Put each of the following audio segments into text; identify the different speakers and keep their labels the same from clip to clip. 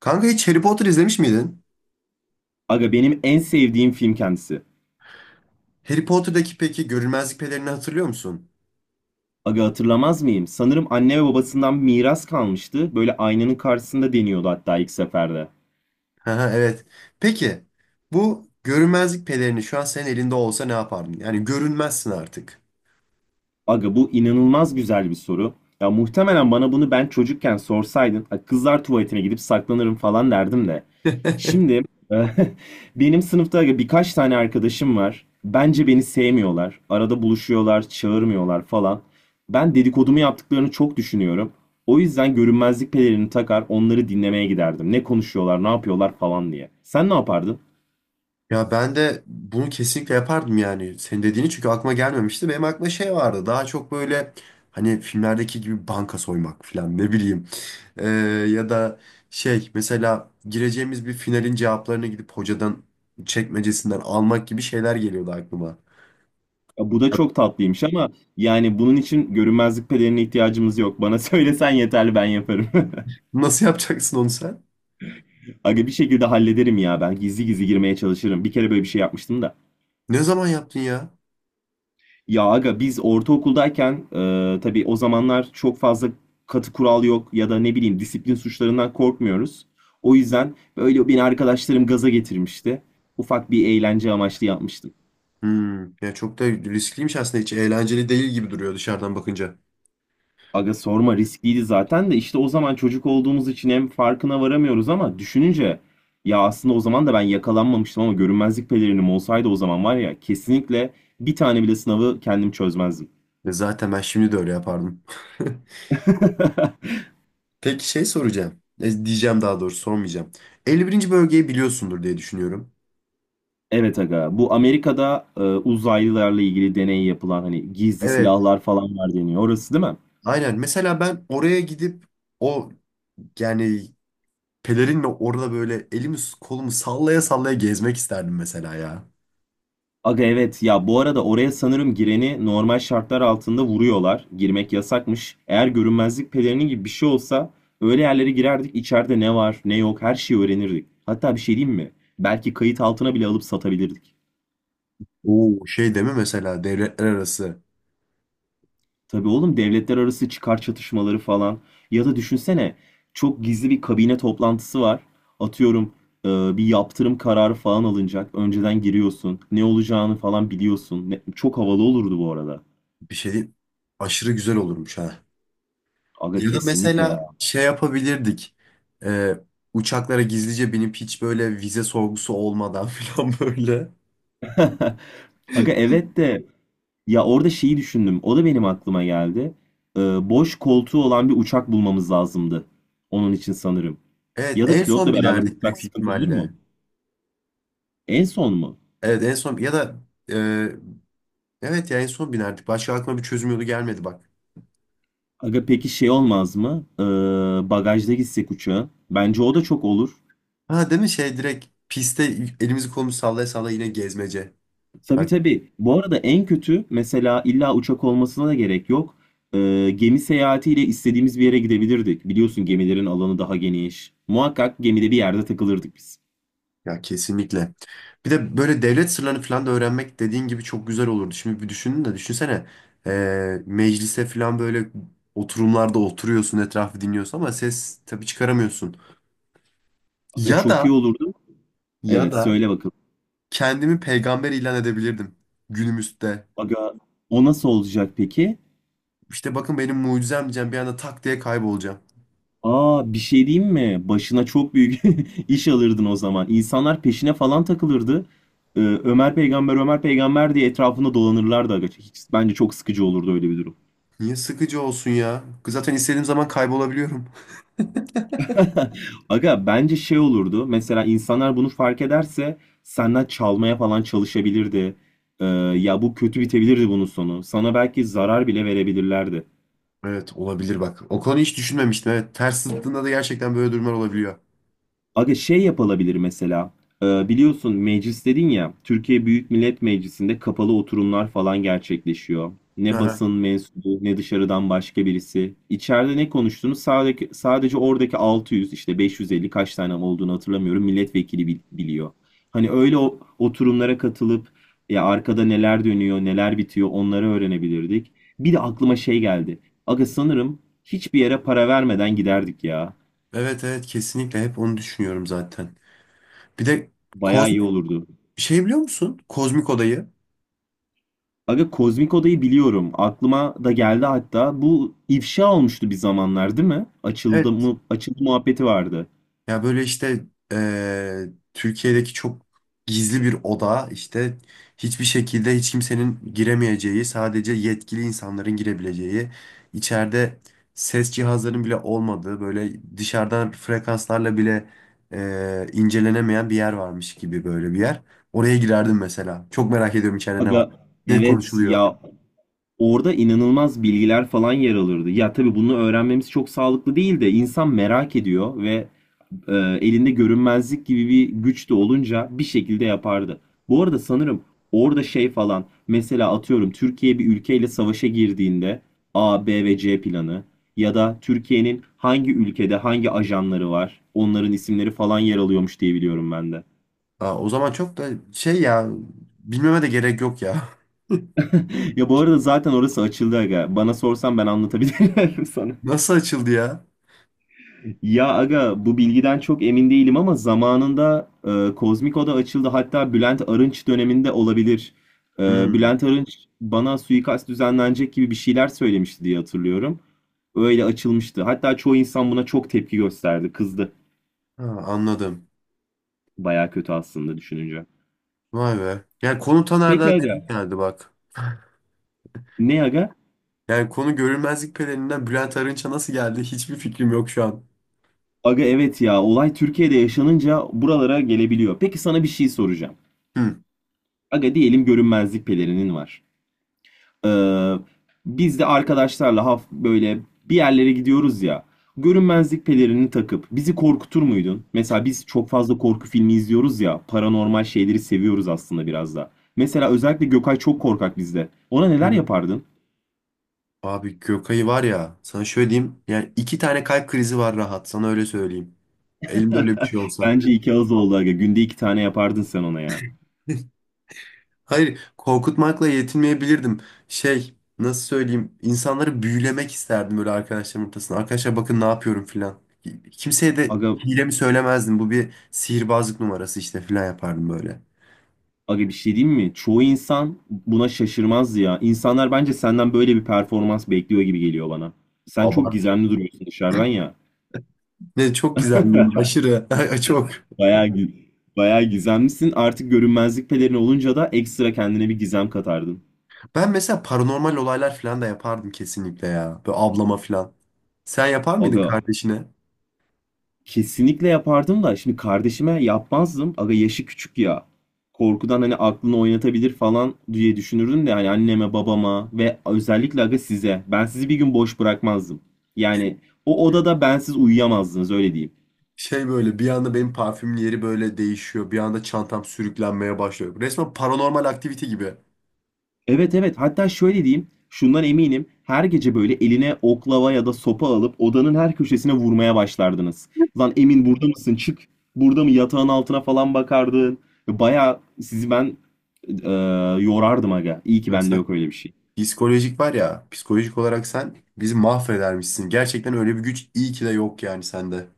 Speaker 1: Kanka hiç Harry Potter izlemiş miydin?
Speaker 2: Aga benim en sevdiğim film kendisi.
Speaker 1: Harry Potter'daki peki görünmezlik pelerini hatırlıyor musun?
Speaker 2: Aga hatırlamaz mıyım? Sanırım anne ve babasından miras kalmıştı. Böyle aynanın karşısında deniyordu hatta ilk seferde.
Speaker 1: Haha, evet. Peki bu görünmezlik pelerini şu an senin elinde olsa ne yapardın? Yani görünmezsin artık.
Speaker 2: Aga bu inanılmaz güzel bir soru. Ya muhtemelen bana bunu ben çocukken sorsaydın, "Ha, kızlar tuvaletine gidip saklanırım falan derdim de. Şimdi e, benim sınıfta aga birkaç tane arkadaşım var. Bence beni sevmiyorlar. Arada buluşuyorlar, çağırmıyorlar falan. Ben dedikodumu yaptıklarını çok düşünüyorum. O yüzden görünmezlik pelerini takar, onları dinlemeye giderdim. Ne konuşuyorlar, ne yapıyorlar falan diye. Sen ne yapardın?
Speaker 1: Ya ben de bunu kesinlikle yapardım yani. Senin dediğini çünkü aklıma gelmemişti. Benim aklıma şey vardı. Daha çok böyle hani filmlerdeki gibi banka soymak falan ne bileyim. Ee, Ya da şey mesela gireceğimiz bir finalin cevaplarını gidip hocadan çekmecesinden almak gibi şeyler geliyordu aklıma.
Speaker 2: Ya bu da çok tatlıymış ama yani bunun için görünmezlik pelerini ihtiyacımız yok. Bana söylesen yeterli ben yaparım.
Speaker 1: Nasıl yapacaksın onu sen?
Speaker 2: Aga bir şekilde hallederim ya ben gizli gizli girmeye çalışırım. Bir kere böyle bir şey yapmıştım da.
Speaker 1: Ne zaman yaptın ya?
Speaker 2: Ya aga biz ortaokuldayken tabii o zamanlar çok fazla katı kural yok ya da ne bileyim disiplin suçlarından korkmuyoruz. O yüzden böyle beni arkadaşlarım gaza getirmişti. Ufak bir eğlence amaçlı yapmıştım.
Speaker 1: Hmm. Ya çok da riskliymiş aslında. Hiç eğlenceli değil gibi duruyor dışarıdan bakınca.
Speaker 2: Aga sorma riskliydi zaten de işte o zaman çocuk olduğumuz için hem farkına varamıyoruz ama düşününce ya aslında o zaman da ben yakalanmamıştım ama görünmezlik pelerinim olsaydı o zaman var ya kesinlikle bir tane bile sınavı kendim çözmezdim.
Speaker 1: Ya zaten ben şimdi de öyle yapardım. Peki şey soracağım. Diyeceğim daha doğrusu, sormayacağım. 51. bölgeyi biliyorsundur diye düşünüyorum.
Speaker 2: Evet aga bu Amerika'da uzaylılarla ilgili deney yapılan hani gizli
Speaker 1: Evet.
Speaker 2: silahlar falan var deniyor orası değil mi?
Speaker 1: Aynen. Mesela ben oraya gidip o, yani pelerinle orada böyle elimi kolumu sallaya sallaya gezmek isterdim mesela ya.
Speaker 2: Aga evet ya bu arada oraya sanırım gireni normal şartlar altında vuruyorlar. Girmek yasakmış. Eğer görünmezlik pelerini gibi bir şey olsa öyle yerlere girerdik, içeride ne var ne yok her şeyi öğrenirdik. Hatta bir şey diyeyim mi? Belki kayıt altına bile alıp satabilirdik.
Speaker 1: Oo şey deme mesela, devletler arası
Speaker 2: Tabii oğlum, devletler arası çıkar çatışmaları falan. Ya da düşünsene, çok gizli bir kabine toplantısı var. Atıyorum e, bir yaptırım kararı falan alınacak. Önceden giriyorsun. Ne olacağını falan biliyorsun. Çok havalı olurdu bu arada.
Speaker 1: bir şey aşırı güzel olurmuş ha.
Speaker 2: Aga
Speaker 1: Ya da
Speaker 2: kesinlikle
Speaker 1: mesela
Speaker 2: ya.
Speaker 1: şey yapabilirdik. Ee, Uçaklara gizlice binip hiç böyle vize sorgusu olmadan falan böyle.
Speaker 2: Aga evet de ya orada şeyi düşündüm. O da benim aklıma geldi. Ee, Boş koltuğu olan bir uçak bulmamız lazımdı. Onun için sanırım.
Speaker 1: Evet,
Speaker 2: Ya da
Speaker 1: en
Speaker 2: pilotla
Speaker 1: son
Speaker 2: beraber
Speaker 1: binerdik
Speaker 2: uçak
Speaker 1: büyük
Speaker 2: sıkıntı olur mu?
Speaker 1: ihtimalle.
Speaker 2: En son mu?
Speaker 1: Evet en son, ya da e, evet ya en son binerdik. Başka aklıma bir çözüm yolu gelmedi bak.
Speaker 2: Aga peki şey olmaz mı? Bagajda gitsek uçağa. Bence o da çok olur.
Speaker 1: Ha değil mi, şey direkt piste elimizi kolumuzu sallaya sallaya yine gezmece.
Speaker 2: Tabii
Speaker 1: Bak,
Speaker 2: tabii. Bu arada en kötü mesela illa uçak olmasına da gerek yok. Gemi seyahatiyle istediğimiz bir yere gidebilirdik. Biliyorsun gemilerin alanı daha geniş. Muhakkak gemide bir yerde takılırdık biz.
Speaker 1: ya kesinlikle. Bir de böyle devlet sırlarını falan da öğrenmek dediğin gibi çok güzel olurdu. Şimdi bir düşünün de düşünsene, meclise falan böyle oturumlarda oturuyorsun, etrafı dinliyorsun ama ses tabii çıkaramıyorsun.
Speaker 2: Aga
Speaker 1: Ya da
Speaker 2: çok iyi olurdu.
Speaker 1: ya
Speaker 2: Evet
Speaker 1: da
Speaker 2: söyle bakalım.
Speaker 1: kendimi peygamber ilan edebilirdim günümüzde.
Speaker 2: Aga o nasıl olacak peki?
Speaker 1: İşte bakın benim mucizem diyeceğim, bir anda tak diye kaybolacağım.
Speaker 2: Aa, bir şey diyeyim mi? Başına çok büyük iş alırdın o zaman. İnsanlar peşine falan takılırdı. Ömer peygamber Ömer peygamber diye etrafında dolanırlardı aga. Hiç, bence çok sıkıcı olurdu öyle bir durum.
Speaker 1: Niye sıkıcı olsun ya? Zaten istediğim zaman kaybolabiliyorum.
Speaker 2: Aga bence şey olurdu. Mesela insanlar bunu fark ederse senden çalmaya falan çalışabilirdi. Ya bu kötü bitebilirdi bunun sonu. Sana belki zarar bile verebilirlerdi.
Speaker 1: Evet olabilir bak. O konuyu hiç düşünmemiştim. Evet, ters zıttığında da gerçekten böyle durumlar olabiliyor.
Speaker 2: Aga şey yapılabilir mesela. Biliyorsun meclis dedin ya. Türkiye Büyük Millet Meclisi'nde kapalı oturumlar falan gerçekleşiyor.
Speaker 1: Hı
Speaker 2: Ne
Speaker 1: hı.
Speaker 2: basın mensubu ne dışarıdan başka birisi. İçeride ne konuştuğunu sadece oradaki 600, işte 550, kaç tane olduğunu hatırlamıyorum, milletvekili biliyor. Hani öyle oturumlara katılıp ya arkada neler dönüyor neler bitiyor onları öğrenebilirdik. Bir de aklıma şey geldi. Aga sanırım hiçbir yere para vermeden giderdik ya.
Speaker 1: Evet, evet, kesinlikle hep onu düşünüyorum zaten. Bir de
Speaker 2: Bayağı
Speaker 1: kozmik
Speaker 2: iyi olurdu.
Speaker 1: şey biliyor musun? Kozmik odayı.
Speaker 2: Aga Kozmik Oda'yı biliyorum. Aklıma da geldi hatta. Bu ifşa olmuştu bir zamanlar değil mi? Açıldı
Speaker 1: Evet.
Speaker 2: mı, açıldı muhabbeti vardı.
Speaker 1: Ya böyle işte eee, Türkiye'deki çok gizli bir oda işte, hiçbir şekilde hiç kimsenin giremeyeceği, sadece yetkili insanların girebileceği, içeride ses cihazlarının bile olmadığı, böyle dışarıdan frekanslarla bile incelenemeyen bir yer varmış gibi böyle bir yer. Oraya girerdim mesela. Çok merak ediyorum içeride ne var.
Speaker 2: Aga
Speaker 1: Ne
Speaker 2: evet
Speaker 1: konuşuluyor.
Speaker 2: ya, orada inanılmaz bilgiler falan yer alırdı. Ya tabii bunu öğrenmemiz çok sağlıklı değil de insan merak ediyor ve e, elinde görünmezlik gibi bir güç de olunca bir şekilde yapardı. Bu arada sanırım orada şey falan, mesela atıyorum Türkiye bir ülkeyle savaşa girdiğinde A, B ve C planı ya da Türkiye'nin hangi ülkede hangi ajanları var, onların isimleri falan yer alıyormuş diye biliyorum ben de.
Speaker 1: Aa, o zaman çok da şey ya, bilmeme de gerek yok ya.
Speaker 2: Ya bu arada zaten orası açıldı aga. Bana sorsan ben anlatabilirim sana.
Speaker 1: Nasıl açıldı ya?
Speaker 2: Ya aga bu bilgiden çok emin değilim ama zamanında Kozmik Oda açıldı. Hatta Bülent Arınç döneminde olabilir. E,
Speaker 1: Hmm.
Speaker 2: Bülent Arınç bana suikast düzenlenecek gibi bir şeyler söylemişti diye hatırlıyorum. Öyle açılmıştı. Hatta çoğu insan buna çok tepki gösterdi. Kızdı.
Speaker 1: Ha, anladım.
Speaker 2: Baya kötü aslında düşününce.
Speaker 1: Vay be. Yani konu
Speaker 2: Peki
Speaker 1: Taner'den nereye
Speaker 2: aga.
Speaker 1: geldi bak.
Speaker 2: Ne aga?
Speaker 1: Yani konu görünmezlik pelerinden Bülent Arınç'a nasıl geldi, hiçbir fikrim yok şu an.
Speaker 2: Aga evet ya, olay Türkiye'de yaşanınca buralara gelebiliyor. Peki sana bir şey soracağım.
Speaker 1: Hmm.
Speaker 2: Aga diyelim görünmezlik pelerinin var. Ee, Biz de arkadaşlarla böyle bir yerlere gidiyoruz ya. Görünmezlik pelerini takıp bizi korkutur muydun? Mesela biz çok fazla korku filmi izliyoruz ya. Paranormal şeyleri seviyoruz aslında biraz da. Mesela özellikle Gökay çok korkak bizde. Ona
Speaker 1: Hı
Speaker 2: neler
Speaker 1: hı.
Speaker 2: yapardın?
Speaker 1: Abi Gökay'ı var ya, sana şöyle diyeyim. Yani iki tane kalp krizi var rahat, sana öyle söyleyeyim. Elimde öyle bir şey olsa.
Speaker 2: Bence iki ağız oldu aga. Günde iki tane yapardın sen ona ya.
Speaker 1: Hayır, korkutmakla yetinmeyebilirdim. Şey, nasıl söyleyeyim, insanları büyülemek isterdim böyle arkadaşlarım ortasında. Arkadaşlar bakın ne yapıyorum filan. Kimseye de
Speaker 2: Aga,
Speaker 1: hilemi söylemezdim. Bu bir sihirbazlık numarası işte filan yapardım böyle.
Speaker 2: aga, bir şey diyeyim mi? Çoğu insan buna şaşırmaz ya. İnsanlar bence senden böyle bir performans bekliyor gibi geliyor bana. Sen çok
Speaker 1: Abart.
Speaker 2: gizemli duruyorsun dışarıdan ya.
Speaker 1: Ne çok güzel değil, aşırı. Ay, çok.
Speaker 2: Bayağı gü- Bayağı gizemlisin. Artık görünmezlik pelerin olunca da ekstra kendine bir gizem katardın.
Speaker 1: Ben mesela paranormal olaylar filan da yapardım kesinlikle ya. Böyle ablama filan. Sen yapar mıydın
Speaker 2: Aga
Speaker 1: kardeşine?
Speaker 2: kesinlikle yapardım da şimdi kardeşime yapmazdım. Aga yaşı küçük ya. Korkudan hani aklını oynatabilir falan diye düşünürdüm de hani anneme, babama ve özellikle aga size. Ben sizi bir gün boş bırakmazdım. Yani o odada bensiz uyuyamazdınız, öyle diyeyim.
Speaker 1: Şey, böyle bir anda benim parfümün yeri böyle değişiyor. Bir anda çantam sürüklenmeye başlıyor. Resmen paranormal aktivite gibi.
Speaker 2: Evet evet, hatta şöyle diyeyim, şundan eminim her gece böyle eline oklava ya da sopa alıp odanın her köşesine vurmaya başlardınız. Lan Emin burada mısın, çık, burada mı, yatağın altına falan bakardın. Baya sizi ben e, yorardım aga, iyi ki bende
Speaker 1: Mesela
Speaker 2: yok öyle bir şey.
Speaker 1: psikolojik var ya, psikolojik olarak sen bizi mahvedermişsin. Gerçekten öyle bir güç iyi ki de yok yani sende.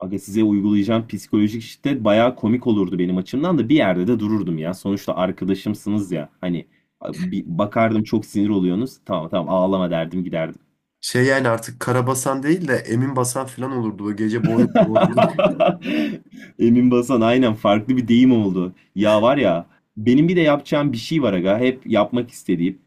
Speaker 2: Aga size uygulayacağım psikolojik şiddet baya komik olurdu, benim açımdan da bir yerde de dururdum ya. Sonuçta arkadaşımsınız ya, hani bir bakardım çok sinir oluyorsunuz, tamam tamam ağlama derdim giderdim.
Speaker 1: Şey, yani artık Karabasan değil de Emin Basan falan olurdu o gece boy bozdu.
Speaker 2: Emin Basan, aynen farklı bir deyim oldu. Ya var ya, benim bir de yapacağım bir şey var aga, hep yapmak istediğim.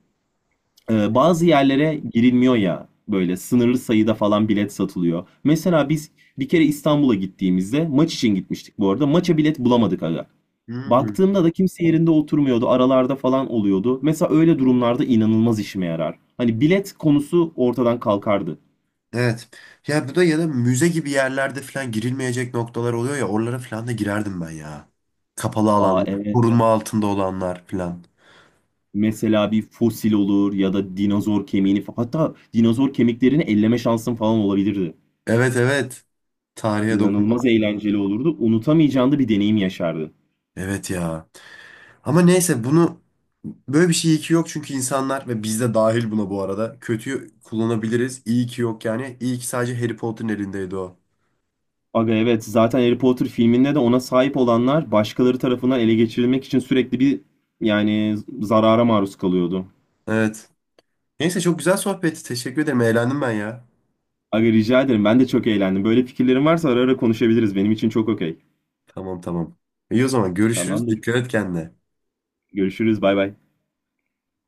Speaker 2: Bazı yerlere girilmiyor ya, böyle sınırlı sayıda falan bilet satılıyor. Mesela biz bir kere İstanbul'a gittiğimizde maç için gitmiştik, bu arada maça bilet bulamadık aga.
Speaker 1: Hmm,
Speaker 2: Baktığımda da kimse yerinde oturmuyordu, aralarda falan oluyordu. Mesela öyle durumlarda inanılmaz işime yarar. Hani bilet konusu ortadan kalkardı.
Speaker 1: evet. Ya bu da, ya da müze gibi yerlerde falan girilmeyecek noktalar oluyor ya, oralara falan da girerdim ben ya. Kapalı
Speaker 2: Aa
Speaker 1: alanlar,
Speaker 2: evet.
Speaker 1: korunma altında olanlar falan.
Speaker 2: Mesela bir fosil olur ya da dinozor hatta dinozor kemiklerini elleme şansın falan olabilirdi.
Speaker 1: Evet, evet. Tarihe dokunmak
Speaker 2: İnanılmaz
Speaker 1: falan.
Speaker 2: eğlenceli olurdu. Unutamayacağın da bir deneyim yaşardı.
Speaker 1: Evet ya. Ama neyse bunu, böyle bir şey iyi ki yok çünkü insanlar ve biz de dahil buna, bu arada kötüyü kullanabiliriz. İyi ki yok yani. İyi ki sadece Harry Potter'ın elindeydi o.
Speaker 2: Aga evet, zaten Harry Potter filminde de ona sahip olanlar başkaları tarafından ele geçirilmek için sürekli bir, yani zarara maruz kalıyordu.
Speaker 1: Evet. Neyse, çok güzel sohbetti. Teşekkür ederim. Eğlendim ben ya.
Speaker 2: Aga rica ederim, ben de çok eğlendim. Böyle fikirlerin varsa ara ara konuşabiliriz. Benim için çok okey.
Speaker 1: Tamam, tamam. İyi, o zaman görüşürüz.
Speaker 2: Tamamdır.
Speaker 1: Dikkat et kendine.
Speaker 2: Görüşürüz bay bay.